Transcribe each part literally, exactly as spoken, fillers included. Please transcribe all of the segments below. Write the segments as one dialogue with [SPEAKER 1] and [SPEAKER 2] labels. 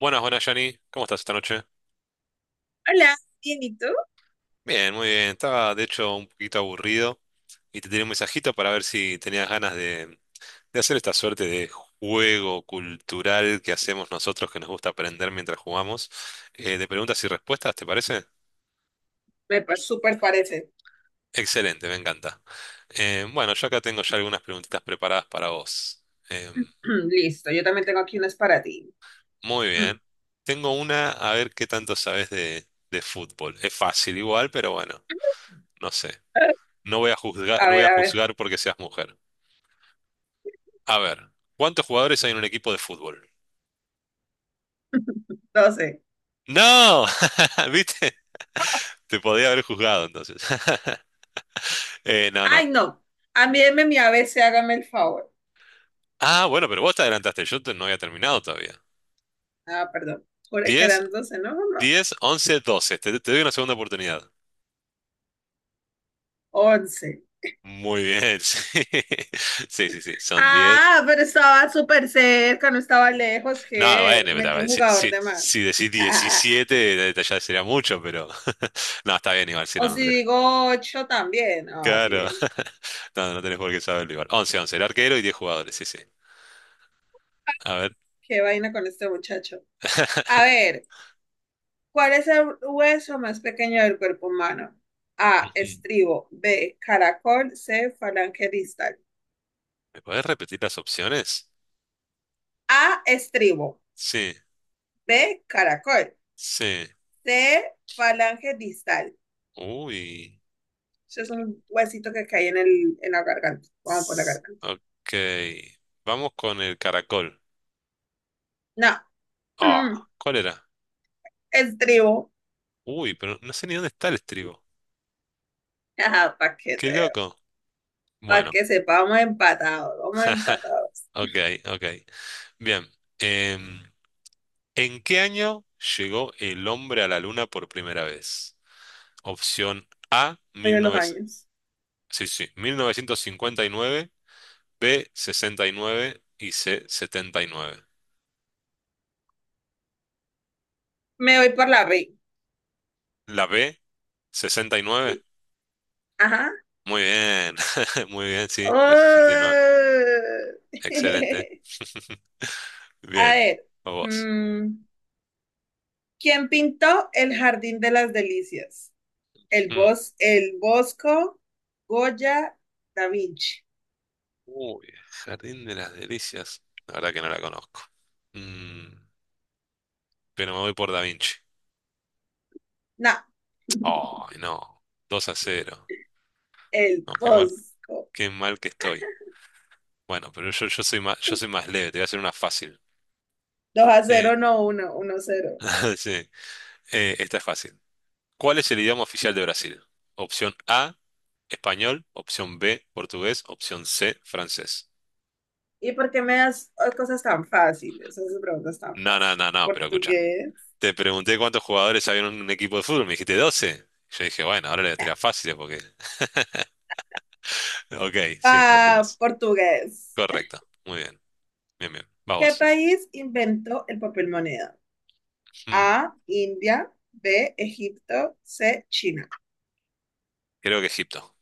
[SPEAKER 1] Buenas, buenas, Johnny. ¿Cómo estás esta noche?
[SPEAKER 2] Hola, bien, ¿y tú?
[SPEAKER 1] Bien, muy bien. Estaba, de hecho, un poquito aburrido y te tenía un mensajito para ver si tenías ganas de, de hacer esta suerte de juego cultural que hacemos nosotros que nos gusta aprender mientras jugamos, eh, de preguntas y respuestas, ¿te parece?
[SPEAKER 2] Me pa- súper parece.
[SPEAKER 1] Excelente, me encanta. Eh, bueno, yo acá tengo ya algunas preguntitas preparadas para vos. Em,
[SPEAKER 2] Listo, yo también tengo aquí unas para ti.
[SPEAKER 1] Muy
[SPEAKER 2] Mm.
[SPEAKER 1] bien. Tengo una, a ver qué tanto sabes de, de fútbol. Es fácil igual, pero bueno, no sé. No voy a juzgar,
[SPEAKER 2] A
[SPEAKER 1] no voy
[SPEAKER 2] ver,
[SPEAKER 1] a
[SPEAKER 2] a ver,
[SPEAKER 1] juzgar porque seas mujer. A ver, ¿cuántos jugadores hay en un equipo de fútbol?
[SPEAKER 2] doce.
[SPEAKER 1] ¡No! ¿Viste? Te podía haber juzgado entonces. Eh, no, no.
[SPEAKER 2] Ay, no. Envíeme mi A B C, hágame el favor.
[SPEAKER 1] Ah, bueno, pero vos te adelantaste. Yo te- no había terminado todavía.
[SPEAKER 2] Ah, perdón. Juré que
[SPEAKER 1] Diez,
[SPEAKER 2] eran doce, no, no, no.
[SPEAKER 1] diez, once, doce. Te, te doy una segunda oportunidad.
[SPEAKER 2] once.
[SPEAKER 1] Muy bien, sí. Sí, sí, sí. Son diez.
[SPEAKER 2] Ah, pero estaba súper cerca, no estaba lejos,
[SPEAKER 1] No,
[SPEAKER 2] Ger.
[SPEAKER 1] bueno, pero a
[SPEAKER 2] Metí un
[SPEAKER 1] ver, si,
[SPEAKER 2] jugador
[SPEAKER 1] si,
[SPEAKER 2] de más.
[SPEAKER 1] si decís diecisiete, ya sería mucho, pero. No, está bien igual, si
[SPEAKER 2] O
[SPEAKER 1] no, no
[SPEAKER 2] si
[SPEAKER 1] tenés.
[SPEAKER 2] digo ocho también. Ah, sí,
[SPEAKER 1] Claro.
[SPEAKER 2] ven.
[SPEAKER 1] No, no tenés por qué saberlo igual. Once, once. El arquero y diez jugadores, sí, sí. A ver.
[SPEAKER 2] Qué vaina con este muchacho. A ver, ¿cuál es el hueso más pequeño del cuerpo humano? A,
[SPEAKER 1] Ujú.
[SPEAKER 2] estribo. B, caracol. C, falange distal.
[SPEAKER 1] ¿Me puedes repetir las opciones?
[SPEAKER 2] A, estribo.
[SPEAKER 1] Sí,
[SPEAKER 2] B, caracol.
[SPEAKER 1] sí.
[SPEAKER 2] C, falange distal.
[SPEAKER 1] Uy.
[SPEAKER 2] Eso es un huesito que cae en, el, en la garganta. Vamos por la
[SPEAKER 1] S-
[SPEAKER 2] garganta.
[SPEAKER 1] Ok. Vamos con el caracol.
[SPEAKER 2] No. Mm,
[SPEAKER 1] Ah, ¿cuál era?
[SPEAKER 2] Estribo.
[SPEAKER 1] Uy, pero no sé ni dónde está el estribo.
[SPEAKER 2] Ajá, para que,
[SPEAKER 1] Qué
[SPEAKER 2] te-
[SPEAKER 1] loco.
[SPEAKER 2] pa'
[SPEAKER 1] Bueno,
[SPEAKER 2] que sepa, vamos empatados. Vamos empatados.
[SPEAKER 1] ok, ok. Bien. Em, ¿En qué año llegó el hombre a la luna por primera vez? Opción A,
[SPEAKER 2] Voy a los
[SPEAKER 1] diecinueve,
[SPEAKER 2] años.
[SPEAKER 1] sí, sí, mil novecientos cincuenta y nueve. B, sesenta y nueve. Y C, setenta y nueve.
[SPEAKER 2] Me voy por la B.
[SPEAKER 1] La B, sesenta y nueve.
[SPEAKER 2] Sí. Ajá.
[SPEAKER 1] Muy bien, muy bien, sí, en el sesenta y nueve.
[SPEAKER 2] Oh.
[SPEAKER 1] Excelente.
[SPEAKER 2] A
[SPEAKER 1] Bien,
[SPEAKER 2] ver,
[SPEAKER 1] a vos.
[SPEAKER 2] mm, ¿quién pintó el Jardín de las Delicias? El
[SPEAKER 1] Mm.
[SPEAKER 2] bos, el Bosco, Goya, Da Vinci.
[SPEAKER 1] Uy, Jardín de las Delicias. La verdad que no la conozco. Mm, pero me voy por Da Vinci.
[SPEAKER 2] No,
[SPEAKER 1] Ay, no. Dos a cero.
[SPEAKER 2] el
[SPEAKER 1] No, qué mal,
[SPEAKER 2] Bosco.
[SPEAKER 1] qué mal que estoy. Bueno, pero yo, yo soy más, yo soy más leve, te voy a hacer una fácil.
[SPEAKER 2] Dos a
[SPEAKER 1] Eh,
[SPEAKER 2] cero, no uno, uno a cero.
[SPEAKER 1] sí. Eh, esta es fácil. ¿Cuál es el idioma oficial de Brasil? Opción A, español, opción B, portugués, opción C, francés.
[SPEAKER 2] ¿Y por qué me das cosas tan fáciles? Esas preguntas tan
[SPEAKER 1] No, no,
[SPEAKER 2] fáciles.
[SPEAKER 1] no, no, pero escucha.
[SPEAKER 2] ¿Portugués?
[SPEAKER 1] Te pregunté cuántos jugadores había en un equipo de fútbol, me dijiste doce. Yo dije, bueno, ahora le voy a tirar fáciles porque... Ok, sí,
[SPEAKER 2] Ah,
[SPEAKER 1] portugués.
[SPEAKER 2] portugués.
[SPEAKER 1] Correcto, muy bien, bien, bien.
[SPEAKER 2] ¿Qué
[SPEAKER 1] Vamos.
[SPEAKER 2] país inventó el papel moneda?
[SPEAKER 1] Mm,
[SPEAKER 2] A, India, B, Egipto, C, China.
[SPEAKER 1] Creo que Egipto,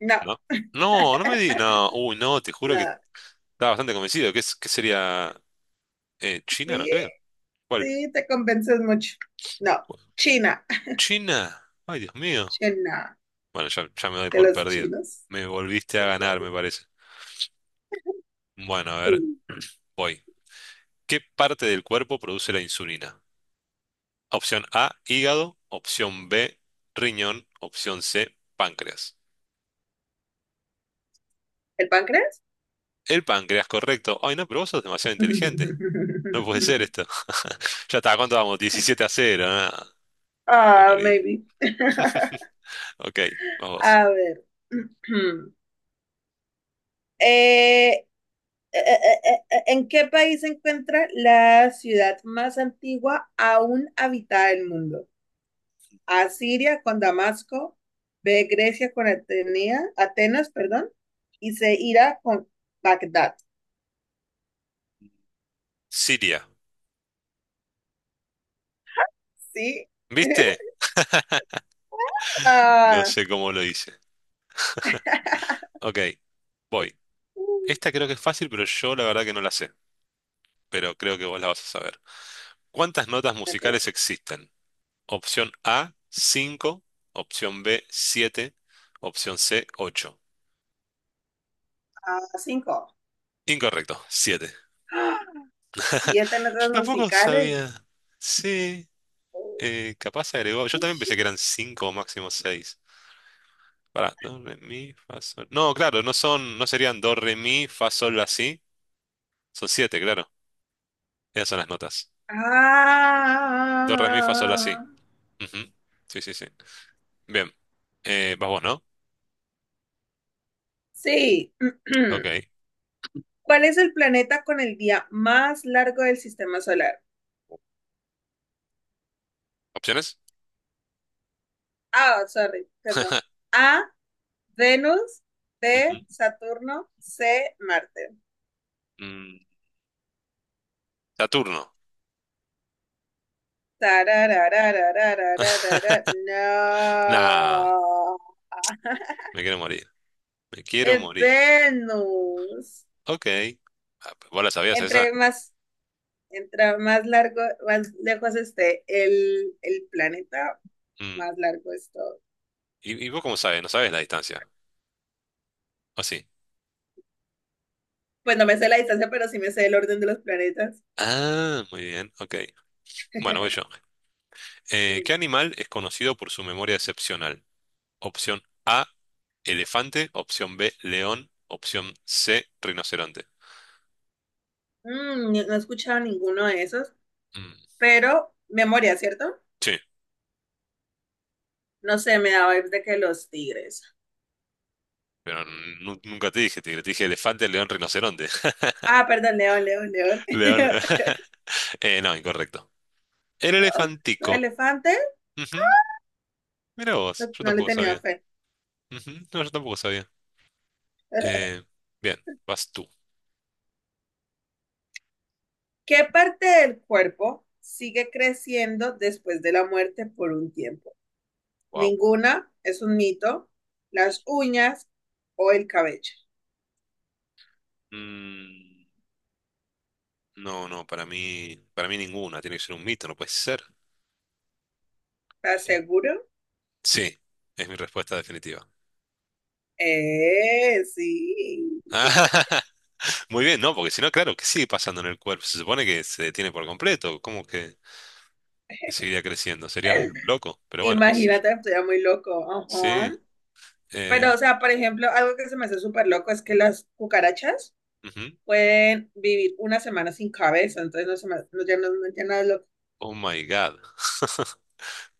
[SPEAKER 2] No,
[SPEAKER 1] ¿no? No, no me di... No, uy, no, te juro que
[SPEAKER 2] nada.
[SPEAKER 1] estaba bastante convencido. ¿Qué, es- qué sería? Eh, China, no
[SPEAKER 2] Sí.
[SPEAKER 1] creo. ¿Cuál?
[SPEAKER 2] Sí, te convences mucho. No, China.
[SPEAKER 1] ¿China? Ay, Dios mío.
[SPEAKER 2] China,
[SPEAKER 1] Bueno, ya, ya me doy
[SPEAKER 2] de
[SPEAKER 1] por
[SPEAKER 2] los
[SPEAKER 1] perdido.
[SPEAKER 2] chinos.
[SPEAKER 1] Me volviste a ganar, me parece. Bueno, a ver, voy. ¿Qué parte del cuerpo produce la insulina? Opción A, hígado. Opción B, riñón. Opción C, páncreas.
[SPEAKER 2] ¿El páncreas?
[SPEAKER 1] El páncreas, correcto. Ay, no, pero vos sos demasiado inteligente. No puede ser esto. Ya está, ¿cuánto vamos? diecisiete a cero. Nada. Te
[SPEAKER 2] Ah,
[SPEAKER 1] morís.
[SPEAKER 2] maybe.
[SPEAKER 1] Ok, vamos.
[SPEAKER 2] A ver. Eh, eh, eh, eh, eh, ¿en qué país se encuentra la ciudad más antigua aún habitada del mundo? A, Siria con Damasco, B, Grecia con Atenea, Atenas, perdón, y C, Ira con Bagdad.
[SPEAKER 1] Siria.
[SPEAKER 2] ¿Sí?
[SPEAKER 1] ¿Viste? No
[SPEAKER 2] Ah.
[SPEAKER 1] sé cómo lo hice. Ok, voy.
[SPEAKER 2] Ok.
[SPEAKER 1] Esta creo que es fácil, pero yo la verdad que no la sé. Pero creo que vos la vas a saber. ¿Cuántas notas musicales existen? Opción A, cinco. Opción B, siete. Opción C, ocho.
[SPEAKER 2] Ah, cinco.
[SPEAKER 1] Incorrecto, siete.
[SPEAKER 2] ¡Ah! Siete
[SPEAKER 1] Yo
[SPEAKER 2] notas
[SPEAKER 1] tampoco
[SPEAKER 2] musicales.
[SPEAKER 1] sabía. Sí, eh, capaz se agregó. Yo también pensé que eran cinco o máximo seis. Para, do, re, mi, fa, sol. No, claro, no son, no serían do, re, mi, fa, sol, la, si. Son siete, claro. Esas son las notas. Do, re, mi, fa, sol, la, si.
[SPEAKER 2] Ah,
[SPEAKER 1] Ujú. Sí, sí, sí. Bien. Eh, vas vos, ¿no?
[SPEAKER 2] sí.
[SPEAKER 1] Ok.
[SPEAKER 2] ¿Cuál es el planeta con el día más largo del sistema solar?
[SPEAKER 1] ¿Opciones?
[SPEAKER 2] Ah, sorry, perdón. A, Venus, B,
[SPEAKER 1] Ujú.
[SPEAKER 2] Saturno, C, Marte.
[SPEAKER 1] Mm, Saturno.
[SPEAKER 2] Tarararararararara. No.
[SPEAKER 1] Nah, me quiero morir. Me quiero
[SPEAKER 2] Es
[SPEAKER 1] morir.
[SPEAKER 2] Venus.
[SPEAKER 1] Ok. Ah, pues, ¿vos la sabías esa?
[SPEAKER 2] Entre más Entra más largo, más lejos esté el, el planeta,
[SPEAKER 1] Mm.
[SPEAKER 2] más largo es todo.
[SPEAKER 1] ¿Y, y vos cómo sabes? ¿No sabes la distancia? ¿O sí?
[SPEAKER 2] Pues no me sé la distancia, pero sí me sé el orden de los planetas.
[SPEAKER 1] Ah, muy bien. Ok. Bueno, voy yo. Eh, ¿qué
[SPEAKER 2] Mm,
[SPEAKER 1] animal es conocido por su memoria excepcional? Opción A, elefante. Opción B, león. Opción C, rinoceronte.
[SPEAKER 2] mm, ni- no he escuchado ninguno de esos,
[SPEAKER 1] Mm,
[SPEAKER 2] pero memoria, ¿cierto?
[SPEAKER 1] Sí,
[SPEAKER 2] No sé, me da vibes de que los tigres.
[SPEAKER 1] pero nu- nunca te dije tigre. Te dije elefante, león, rinoceronte.
[SPEAKER 2] Ah, perdón, león, león, león.
[SPEAKER 1] León. Eh, no, incorrecto. El
[SPEAKER 2] Los
[SPEAKER 1] elefantico.
[SPEAKER 2] elefantes,
[SPEAKER 1] Ujú, mira
[SPEAKER 2] no,
[SPEAKER 1] vos, yo
[SPEAKER 2] no le
[SPEAKER 1] tampoco
[SPEAKER 2] tenía
[SPEAKER 1] sabía.
[SPEAKER 2] fe.
[SPEAKER 1] Ujú, no, yo tampoco sabía. Eh, Bien, vas tú.
[SPEAKER 2] ¿Qué parte del cuerpo sigue creciendo después de la muerte por un tiempo?
[SPEAKER 1] Wow.
[SPEAKER 2] Ninguna es un mito. Las uñas o el cabello.
[SPEAKER 1] Mm, no, no, para mí, para mí ninguna. Tiene que ser un mito, no puede ser.
[SPEAKER 2] ¿Estás
[SPEAKER 1] Eh,
[SPEAKER 2] seguro?
[SPEAKER 1] Sí, es mi respuesta definitiva.
[SPEAKER 2] Eh, sí.
[SPEAKER 1] Muy bien, no, porque si no, claro, que sigue pasando en el cuerpo. Se supone que se detiene por completo. ¿Cómo que, que, seguiría creciendo? Sería muy loco, pero bueno, qué sé yo.
[SPEAKER 2] Imagínate, estoy muy loco.
[SPEAKER 1] Sí.
[SPEAKER 2] Ajá.
[SPEAKER 1] eh,
[SPEAKER 2] Pero, o sea, por ejemplo, algo que se me hace súper loco es que las cucarachas
[SPEAKER 1] Ujú.
[SPEAKER 2] pueden vivir una semana sin cabeza, entonces no se me, no, ya no, no- ya no es loco.
[SPEAKER 1] Oh my God.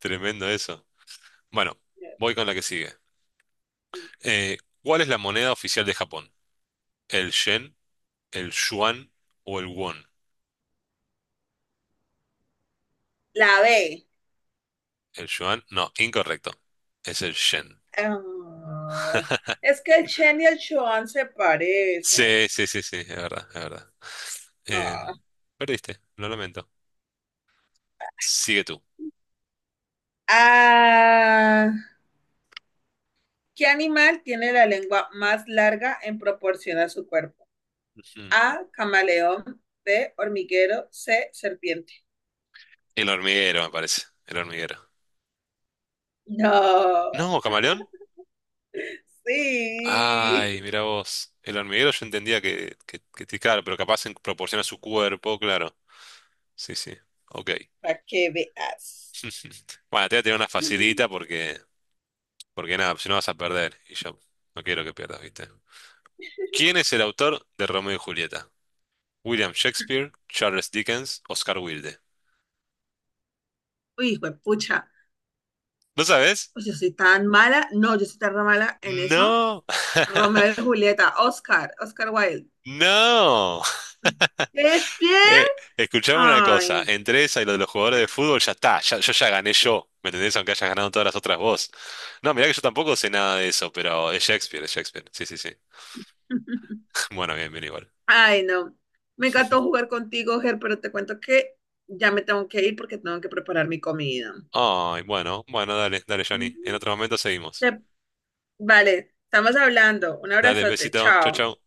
[SPEAKER 1] Tremendo eso. Bueno, voy con la que sigue. Eh, ¿Cuál es la moneda oficial de Japón? ¿El yen? El yuan o el won.
[SPEAKER 2] La B.
[SPEAKER 1] El yuan, no, incorrecto. Es el yen.
[SPEAKER 2] Ah, es que el Chen y el Chuan se
[SPEAKER 1] Sí,
[SPEAKER 2] parecen.
[SPEAKER 1] sí, sí, sí, es verdad, es verdad.
[SPEAKER 2] No.
[SPEAKER 1] Em, Perdiste, lo lamento. Sigue tú.
[SPEAKER 2] Ah, ¿qué animal tiene la lengua más larga en proporción a su cuerpo?
[SPEAKER 1] Mm.
[SPEAKER 2] A, camaleón, B, hormiguero, C, serpiente.
[SPEAKER 1] El hormiguero, me parece. El hormiguero.
[SPEAKER 2] No,
[SPEAKER 1] No, camaleón. Ay,
[SPEAKER 2] sí,
[SPEAKER 1] mira vos. El hormiguero yo entendía que, que, que te- claro, pero capaz en proporción a su cuerpo, claro. Sí, sí. Ok.
[SPEAKER 2] para que veas.
[SPEAKER 1] Bueno, te voy a tirar una facilita porque, porque nada, si no vas a perder. Y yo no quiero que pierdas, ¿viste? ¿Quién es el autor de Romeo y Julieta? William Shakespeare, Charles Dickens, Oscar Wilde.
[SPEAKER 2] Uy, hijo de pucha,
[SPEAKER 1] ¿No sabes?
[SPEAKER 2] pues yo soy tan mala, no, yo soy tan mala en eso.
[SPEAKER 1] No,
[SPEAKER 2] Romeo y Julieta, Oscar, Oscar Wilde.
[SPEAKER 1] no.
[SPEAKER 2] Es ¿Shakespeare?
[SPEAKER 1] Eh, Escuchame una cosa,
[SPEAKER 2] Ay.
[SPEAKER 1] entre esa y lo de los jugadores de fútbol ya está, ya- yo ya gané yo, ¿me entendés? Aunque hayas ganado todas las otras vos. No, mirá que yo tampoco sé nada de eso, pero es Shakespeare, es Shakespeare. Sí, sí, sí. Bueno, bien, bien igual.
[SPEAKER 2] Ay, no. Me encantó jugar contigo, Ger, pero te cuento que ya me tengo que ir porque tengo que preparar mi comida.
[SPEAKER 1] Ay, bueno, bueno, dale, dale, Johnny. En
[SPEAKER 2] Ujú.
[SPEAKER 1] otro momento seguimos.
[SPEAKER 2] Te- Vale, estamos hablando. Un
[SPEAKER 1] Dale,
[SPEAKER 2] abrazote,
[SPEAKER 1] besito, chau,
[SPEAKER 2] chao.
[SPEAKER 1] chau.